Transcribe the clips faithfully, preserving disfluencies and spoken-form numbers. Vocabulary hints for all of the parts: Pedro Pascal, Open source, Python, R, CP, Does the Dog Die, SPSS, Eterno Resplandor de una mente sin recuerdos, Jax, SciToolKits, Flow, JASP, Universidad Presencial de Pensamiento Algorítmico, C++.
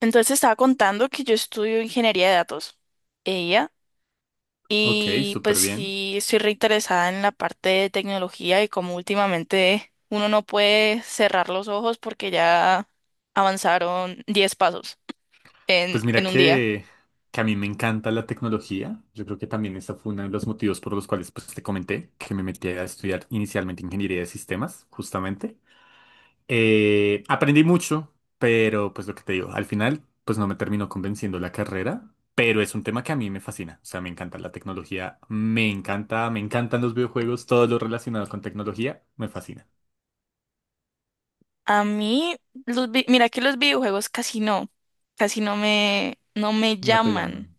Entonces estaba contando que yo estudio ingeniería de datos, ella, Ok, y pues súper bien. sí estoy reinteresada en la parte de tecnología y como últimamente uno no puede cerrar los ojos porque ya avanzaron diez pasos en, Pues mira en un día. que, que a mí me encanta la tecnología. Yo creo que también esa fue uno de los motivos por los cuales pues, te comenté que me metí a estudiar inicialmente ingeniería de sistemas, justamente. Eh, aprendí mucho, pero pues lo que te digo, al final pues no me terminó convenciendo la carrera, pero es un tema que a mí me fascina. O sea, me encanta la tecnología, me encanta, me encantan los videojuegos, todo lo relacionado con tecnología, me fascina. A mí, los, vi- mira que los videojuegos casi no, casi no me, no me No te llaman. llaman.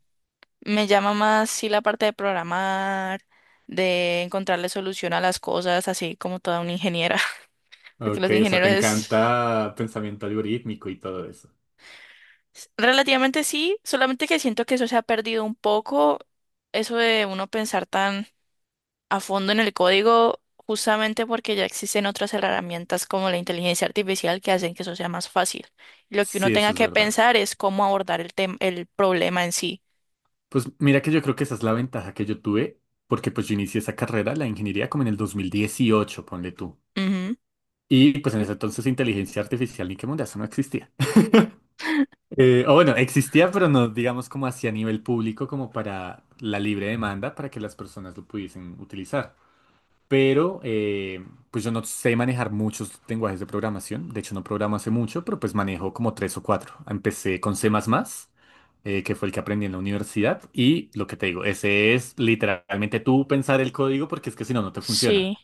Me llama más sí la parte de programar, de encontrarle solución a las cosas, así como toda una ingeniera. Porque Ok, los o sea, te ingenieros es encanta pensamiento algorítmico y todo eso. relativamente sí, solamente que siento que eso se ha perdido un poco, eso de uno pensar tan a fondo en el código, justamente porque ya existen otras herramientas como la inteligencia artificial que hacen que eso sea más fácil. Lo que uno Sí, eso tenga es que verdad. pensar es cómo abordar el tem- el problema en sí. Pues mira que yo creo que esa es la ventaja que yo tuve, porque pues yo inicié esa carrera, la ingeniería, como en el dos mil dieciocho, ponle tú. Ujú. Y pues en ese entonces inteligencia artificial ni qué mundo, eso no existía. Eh, o bueno, existía, pero no, digamos, como hacia nivel público, como para la libre demanda, para que las personas lo pudiesen utilizar, pero eh, pues yo no sé manejar muchos lenguajes de programación. De hecho, no programo hace mucho, pero pues manejo como tres o cuatro. Empecé con C++, eh, que fue el que aprendí en la universidad. Y lo que te digo, ese es literalmente tú pensar el código porque es que si no, no te funciona. Sí,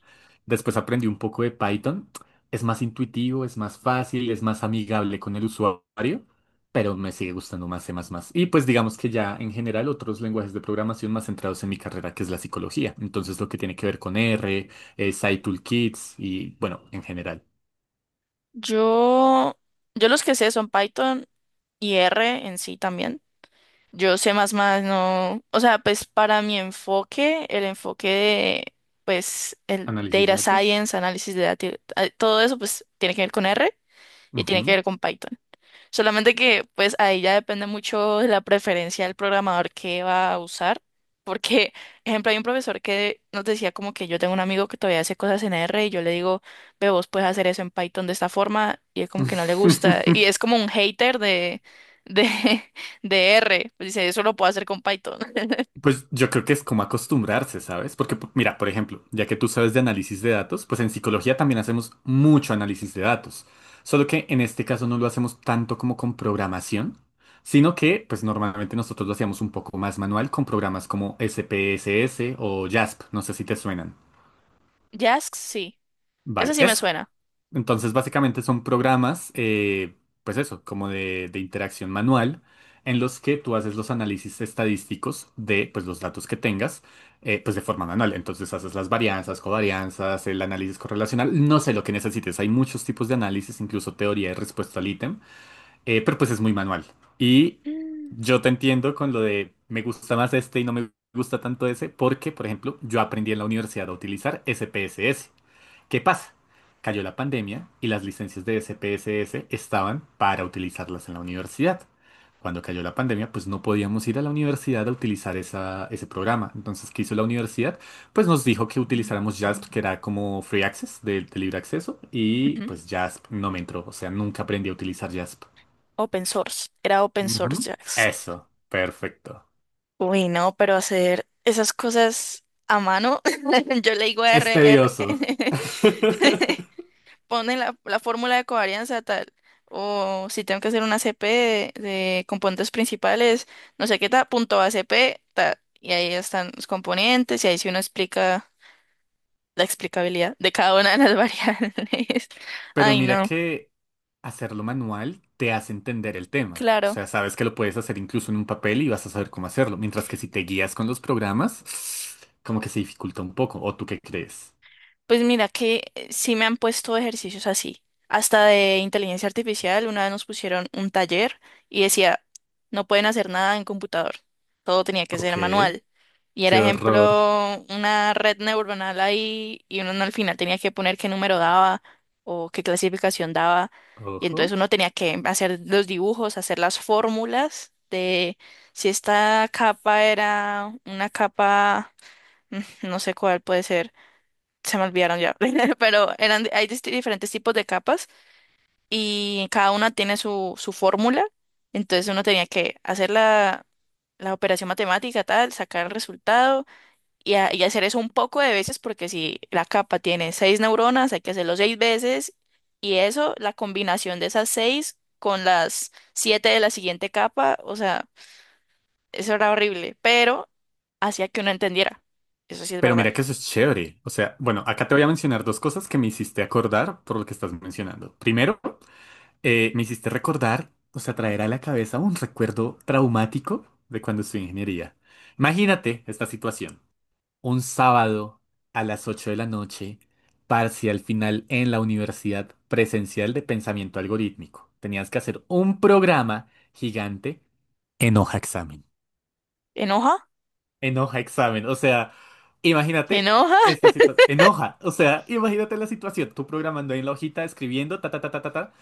Después aprendí un poco de Python. Es más intuitivo, es más fácil, es más amigable con el usuario, pero me sigue gustando más C++. Y pues digamos que ya en general otros lenguajes de programación más centrados en mi carrera, que es la psicología. Entonces lo que tiene que ver con R, eh, SciToolKits Toolkits y bueno, en general, yo, yo los que sé son Python y R en sí también. Yo sé más más, no, o sea, pues para mi enfoque, el enfoque de, pues, el análisis de data datos. science, análisis de datos, todo eso, pues, tiene que ver con R y tiene que Ujú. ver con Python. Solamente que pues ahí ya depende mucho de la preferencia del programador que va a usar, porque, ejemplo, hay un profesor que nos decía como que yo tengo un amigo que todavía hace cosas en R y yo le digo, ve, vos puedes hacer eso en Python de esta forma y él como que no le gusta y es como un hater de, de, de R, pues dice, eso lo puedo hacer con Python. Pues yo creo que es como acostumbrarse, ¿sabes? Porque, p- mira, por ejemplo, ya que tú sabes de análisis de datos, pues en psicología también hacemos mucho análisis de datos. Solo que en este caso no lo hacemos tanto como con programación, sino que, pues normalmente nosotros lo hacíamos un poco más manual con programas como S P S S o JASP, no sé si te suenan. Jax, sí, ese Vale, sí me eso. suena. Entonces, básicamente son programas, eh, pues eso, como de, de interacción manual, en los que tú haces los análisis estadísticos de pues, los datos que tengas, eh, pues de forma manual. Entonces haces las varianzas, covarianzas, el análisis correlacional, no sé lo que necesites. Hay muchos tipos de análisis, incluso teoría de respuesta al ítem, eh, pero pues es muy manual. Y Mm. yo te entiendo con lo de me gusta más este y no me gusta tanto ese, porque, por ejemplo, yo aprendí en la universidad a utilizar S P S S. ¿Qué pasa? Cayó la pandemia y las licencias de S P S S estaban para utilizarlas en la universidad. Cuando cayó la pandemia, pues no podíamos ir a la universidad a utilizar esa- ese programa. Entonces, ¿qué hizo la universidad? Pues nos dijo que utilizáramos JASP, que era como free access, de, de libre acceso, y Ujú. pues JASP no me entró. O sea, nunca aprendí a utilizar JASP. Open source, era open source Ujú. Jax. Eso, perfecto. Uy, no, pero hacer esas cosas a mano, yo le digo Es r r tedioso. pone la, la fórmula de covarianza tal, o si tengo que hacer una C P de, de componentes principales, no sé qué tal, punto a c p tal, y ahí están los componentes, y ahí sí uno explica la explicabilidad de cada una de las variables. Pero Ay, mira no, que hacerlo manual te hace entender el tema. O claro. sea, sabes que lo puedes hacer incluso en un papel y vas a saber cómo hacerlo. Mientras que si te guías con los programas, como que se dificulta un poco. ¿O tú qué crees? Pues mira que eh, sí me han puesto ejercicios así, hasta de inteligencia artificial. Una vez nos pusieron un taller y decía, no pueden hacer nada en computador, todo tenía que ser Ok, manual. Y qué era horror. ejemplo una red neuronal ahí y uno al final tenía que poner qué número daba o qué clasificación daba. Y entonces Ojo. uno tenía que hacer los dibujos, hacer las fórmulas de si esta capa era una capa, mm, no sé cuál puede ser, se me olvidaron ya, pero eran, hay disti- diferentes tipos de capas y cada una tiene su, su fórmula, entonces uno tenía que hacer la, la operación matemática, tal, sacar el resultado y, a- y hacer eso un poco de veces porque si la capa tiene seis neuronas, hay que hacerlo seis veces y eso, la combinación de esas seis con las siete de la siguiente capa, o sea, eso era horrible, pero hacía que uno entendiera, eso sí es Pero verdad. mira que eso es chévere. O sea, bueno, acá te voy a mencionar dos cosas que me hiciste acordar por lo que estás mencionando. Primero, eh, me hiciste recordar, o sea, traer a la cabeza un recuerdo traumático de cuando estudié ingeniería. Imagínate esta situación. Un sábado a las ocho de la noche, parcial final en la Universidad Presencial de Pensamiento Algorítmico. Tenías que hacer un programa gigante en hoja examen. ¿Enoja? En hoja examen. O sea, imagínate ¿Enoja? esta situación. En hoja. O sea, imagínate la situación. Tú programando ahí en la hojita, escribiendo, ta, ta, ta, ta, ta, ta.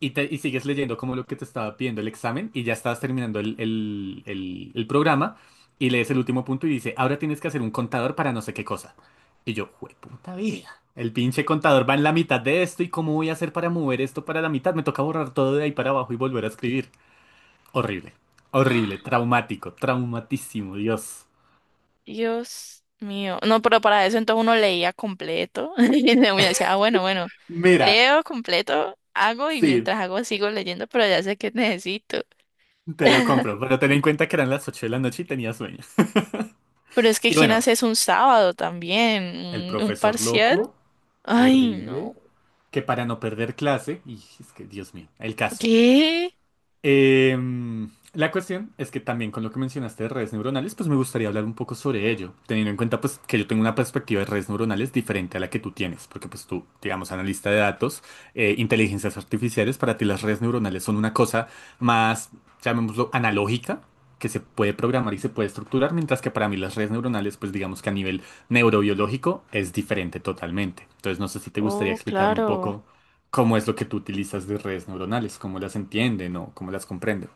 Y, te- y sigues leyendo como lo que te estaba pidiendo el examen y ya estabas terminando el, el- el- el programa y lees el último punto y dice, ahora tienes que hacer un contador para no sé qué cosa. Y yo, puta vida. El pinche contador va en la mitad de esto y cómo voy a hacer para mover esto para la mitad. Me toca borrar todo de ahí para abajo y volver a escribir. Horrible, horrible, traumático, traumatísimo, Dios. Dios mío. No, pero para eso entonces uno leía completo. Y luego uno decía, ah, bueno, bueno, Mira, leo completo, hago y sí, mientras hago sigo leyendo, pero ya sé que necesito. te lo compro, pero ten en cuenta que eran las ocho de la noche y tenía sueños. Pero es que Y ¿quién bueno, hace eso un sábado también? el ¿Un, un profesor parcial? loco, Ay, horrible, no. que para no perder clase, y es que, Dios mío, el caso. ¿Qué? Em, la cuestión es que también con lo que mencionaste de redes neuronales, pues me gustaría hablar un poco sobre ello, teniendo en cuenta pues que yo tengo una perspectiva de redes neuronales diferente a la que tú tienes, porque pues tú, digamos, analista de datos, eh, inteligencias artificiales, para ti las redes neuronales son una cosa más, llamémoslo, analógica, que se puede programar y se puede estructurar, mientras que para mí las redes neuronales, pues digamos que a nivel neurobiológico es diferente totalmente. Entonces no sé si te gustaría Oh, explicarme un claro. poco cómo es lo que tú utilizas de redes neuronales, cómo las entienden o cómo las comprenden.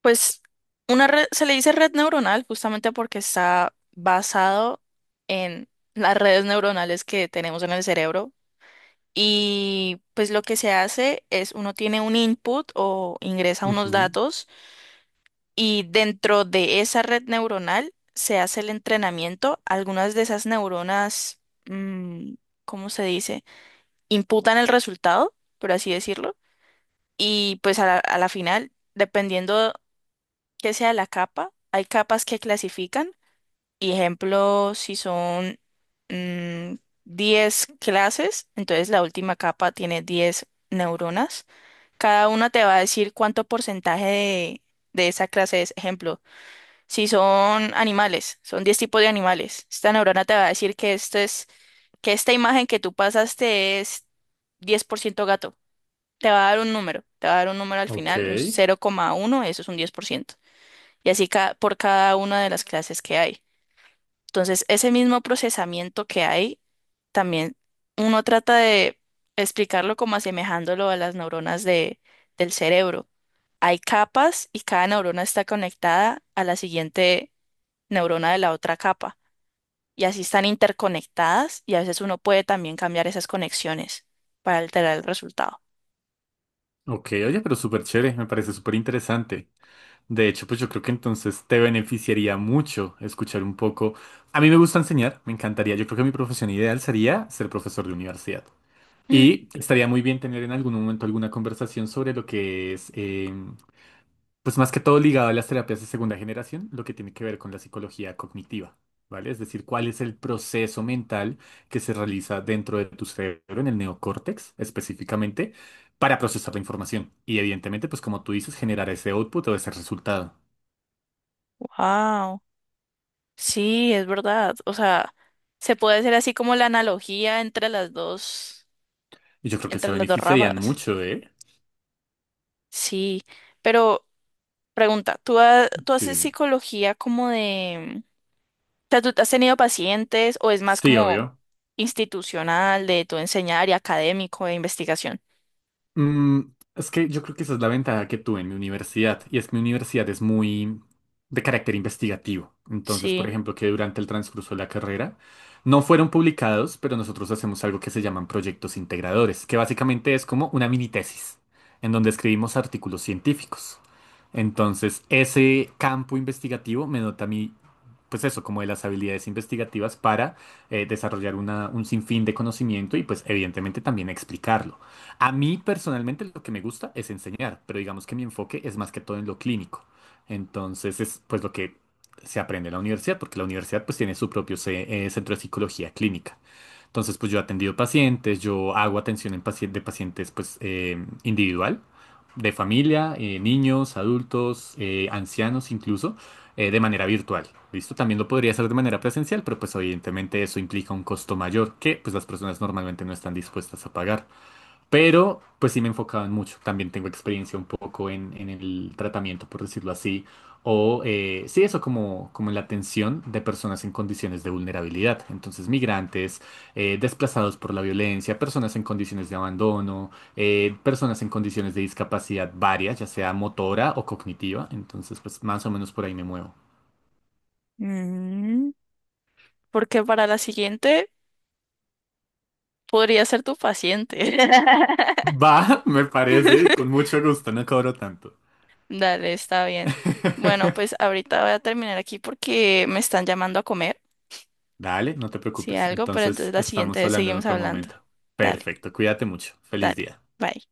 Pues una red, se le dice red neuronal justamente porque está basado en las redes neuronales que tenemos en el cerebro. Y pues lo que se hace es uno tiene un input o ingresa unos Ujú. datos y dentro de esa red neuronal se hace el entrenamiento. Algunas de esas neuronas, mm, ¿cómo se dice? Imputan el resultado, por así decirlo. Y pues a la, a la final, dependiendo que sea la capa, hay capas que clasifican. Y ejemplo, si son mm, diez clases, entonces la última capa tiene diez neuronas. Cada uno te va a decir cuánto porcentaje de, de esa clase es. Ejemplo, si son animales, son diez tipos de animales. Esta neurona te va a decir que esto es, que esta imagen que tú pasaste es diez por ciento gato. Te va a dar un número, te va a dar un número al Ok, final, un cero coma uno, eso es un diez por ciento. Y así ca- por cada una de las clases que hay. Entonces, ese mismo procesamiento que hay, también uno trata de explicarlo como asemejándolo a las neuronas de, del cerebro. Hay capas y cada neurona está conectada a la siguiente neurona de la otra capa. Y así están interconectadas y a veces uno puede también cambiar esas conexiones para alterar el resultado. ok, oye, pero súper chévere, me parece súper interesante. De hecho, pues yo creo que entonces te beneficiaría mucho escuchar un poco. A mí me gusta enseñar, me encantaría. Yo creo que mi profesión ideal sería ser profesor de universidad. Y estaría muy bien tener en algún momento alguna conversación sobre lo que es, eh, pues más que todo ligado a las terapias de segunda generación, lo que tiene que ver con la psicología cognitiva, ¿vale? Es decir, cuál es el proceso mental que se realiza dentro de tu cerebro, en el neocórtex específicamente, para procesar la información. Y evidentemente, pues como tú dices, generar ese output o ese resultado. Wow, sí, es verdad. O sea, se puede hacer así como la analogía entre las dos, Y yo creo que se entre las dos beneficiarían ramas. mucho, ¿eh? Sí, pero pregunta, ¿tú, ha- ¿tú Sí, haces dime. psicología como de, sea, ¿tú has tenido pacientes o es más Sí, como obvio. institucional de tu enseñar y académico de investigación? Mm, es que yo creo que esa es la ventaja que tuve en mi universidad, y es que mi universidad es muy de carácter investigativo. Entonces, por Sí. ejemplo, que durante el transcurso de la carrera no fueron publicados, pero nosotros hacemos algo que se llaman proyectos integradores, que básicamente es como una mini tesis, en donde escribimos artículos científicos. Entonces, ese campo investigativo me nota a mí pues eso, como de las habilidades investigativas para eh, desarrollar una- un sinfín de conocimiento y pues evidentemente también explicarlo. A mí personalmente lo que me gusta es enseñar, pero digamos que mi enfoque es más que todo en lo clínico. Entonces es pues lo que se aprende en la universidad, porque la universidad pues tiene su propio ce- eh, centro de psicología clínica. Entonces, pues yo he atendido pacientes, yo hago atención en paci- de pacientes pues eh, individual, de familia, eh, niños, adultos, eh, ancianos incluso, eh, de manera virtual. ¿Listo? También lo podría hacer de manera presencial, pero pues evidentemente eso implica un costo mayor que pues las personas normalmente no están dispuestas a pagar. Pero pues sí me enfocaban mucho. También tengo experiencia un poco en, en el tratamiento, por decirlo así. O eh, Sí, eso como, como en la atención de personas en condiciones de vulnerabilidad. Entonces, migrantes, eh, desplazados por la violencia, personas en condiciones de abandono, eh, personas en condiciones de discapacidad varias, ya sea motora o cognitiva. Entonces, pues más o menos por ahí me muevo. Mm, porque para la siguiente podría ser tu paciente. Va, me parece, con mucho gusto, no cobro tanto. Dale, está bien. Bueno, pues ahorita voy a terminar aquí porque me están llamando a comer, Dale, no te si preocupes. algo, pero Entonces entonces la siguiente estamos vez hablando en seguimos otro hablando. momento. Dale, Perfecto, cuídate mucho. Feliz dale. día. Bye.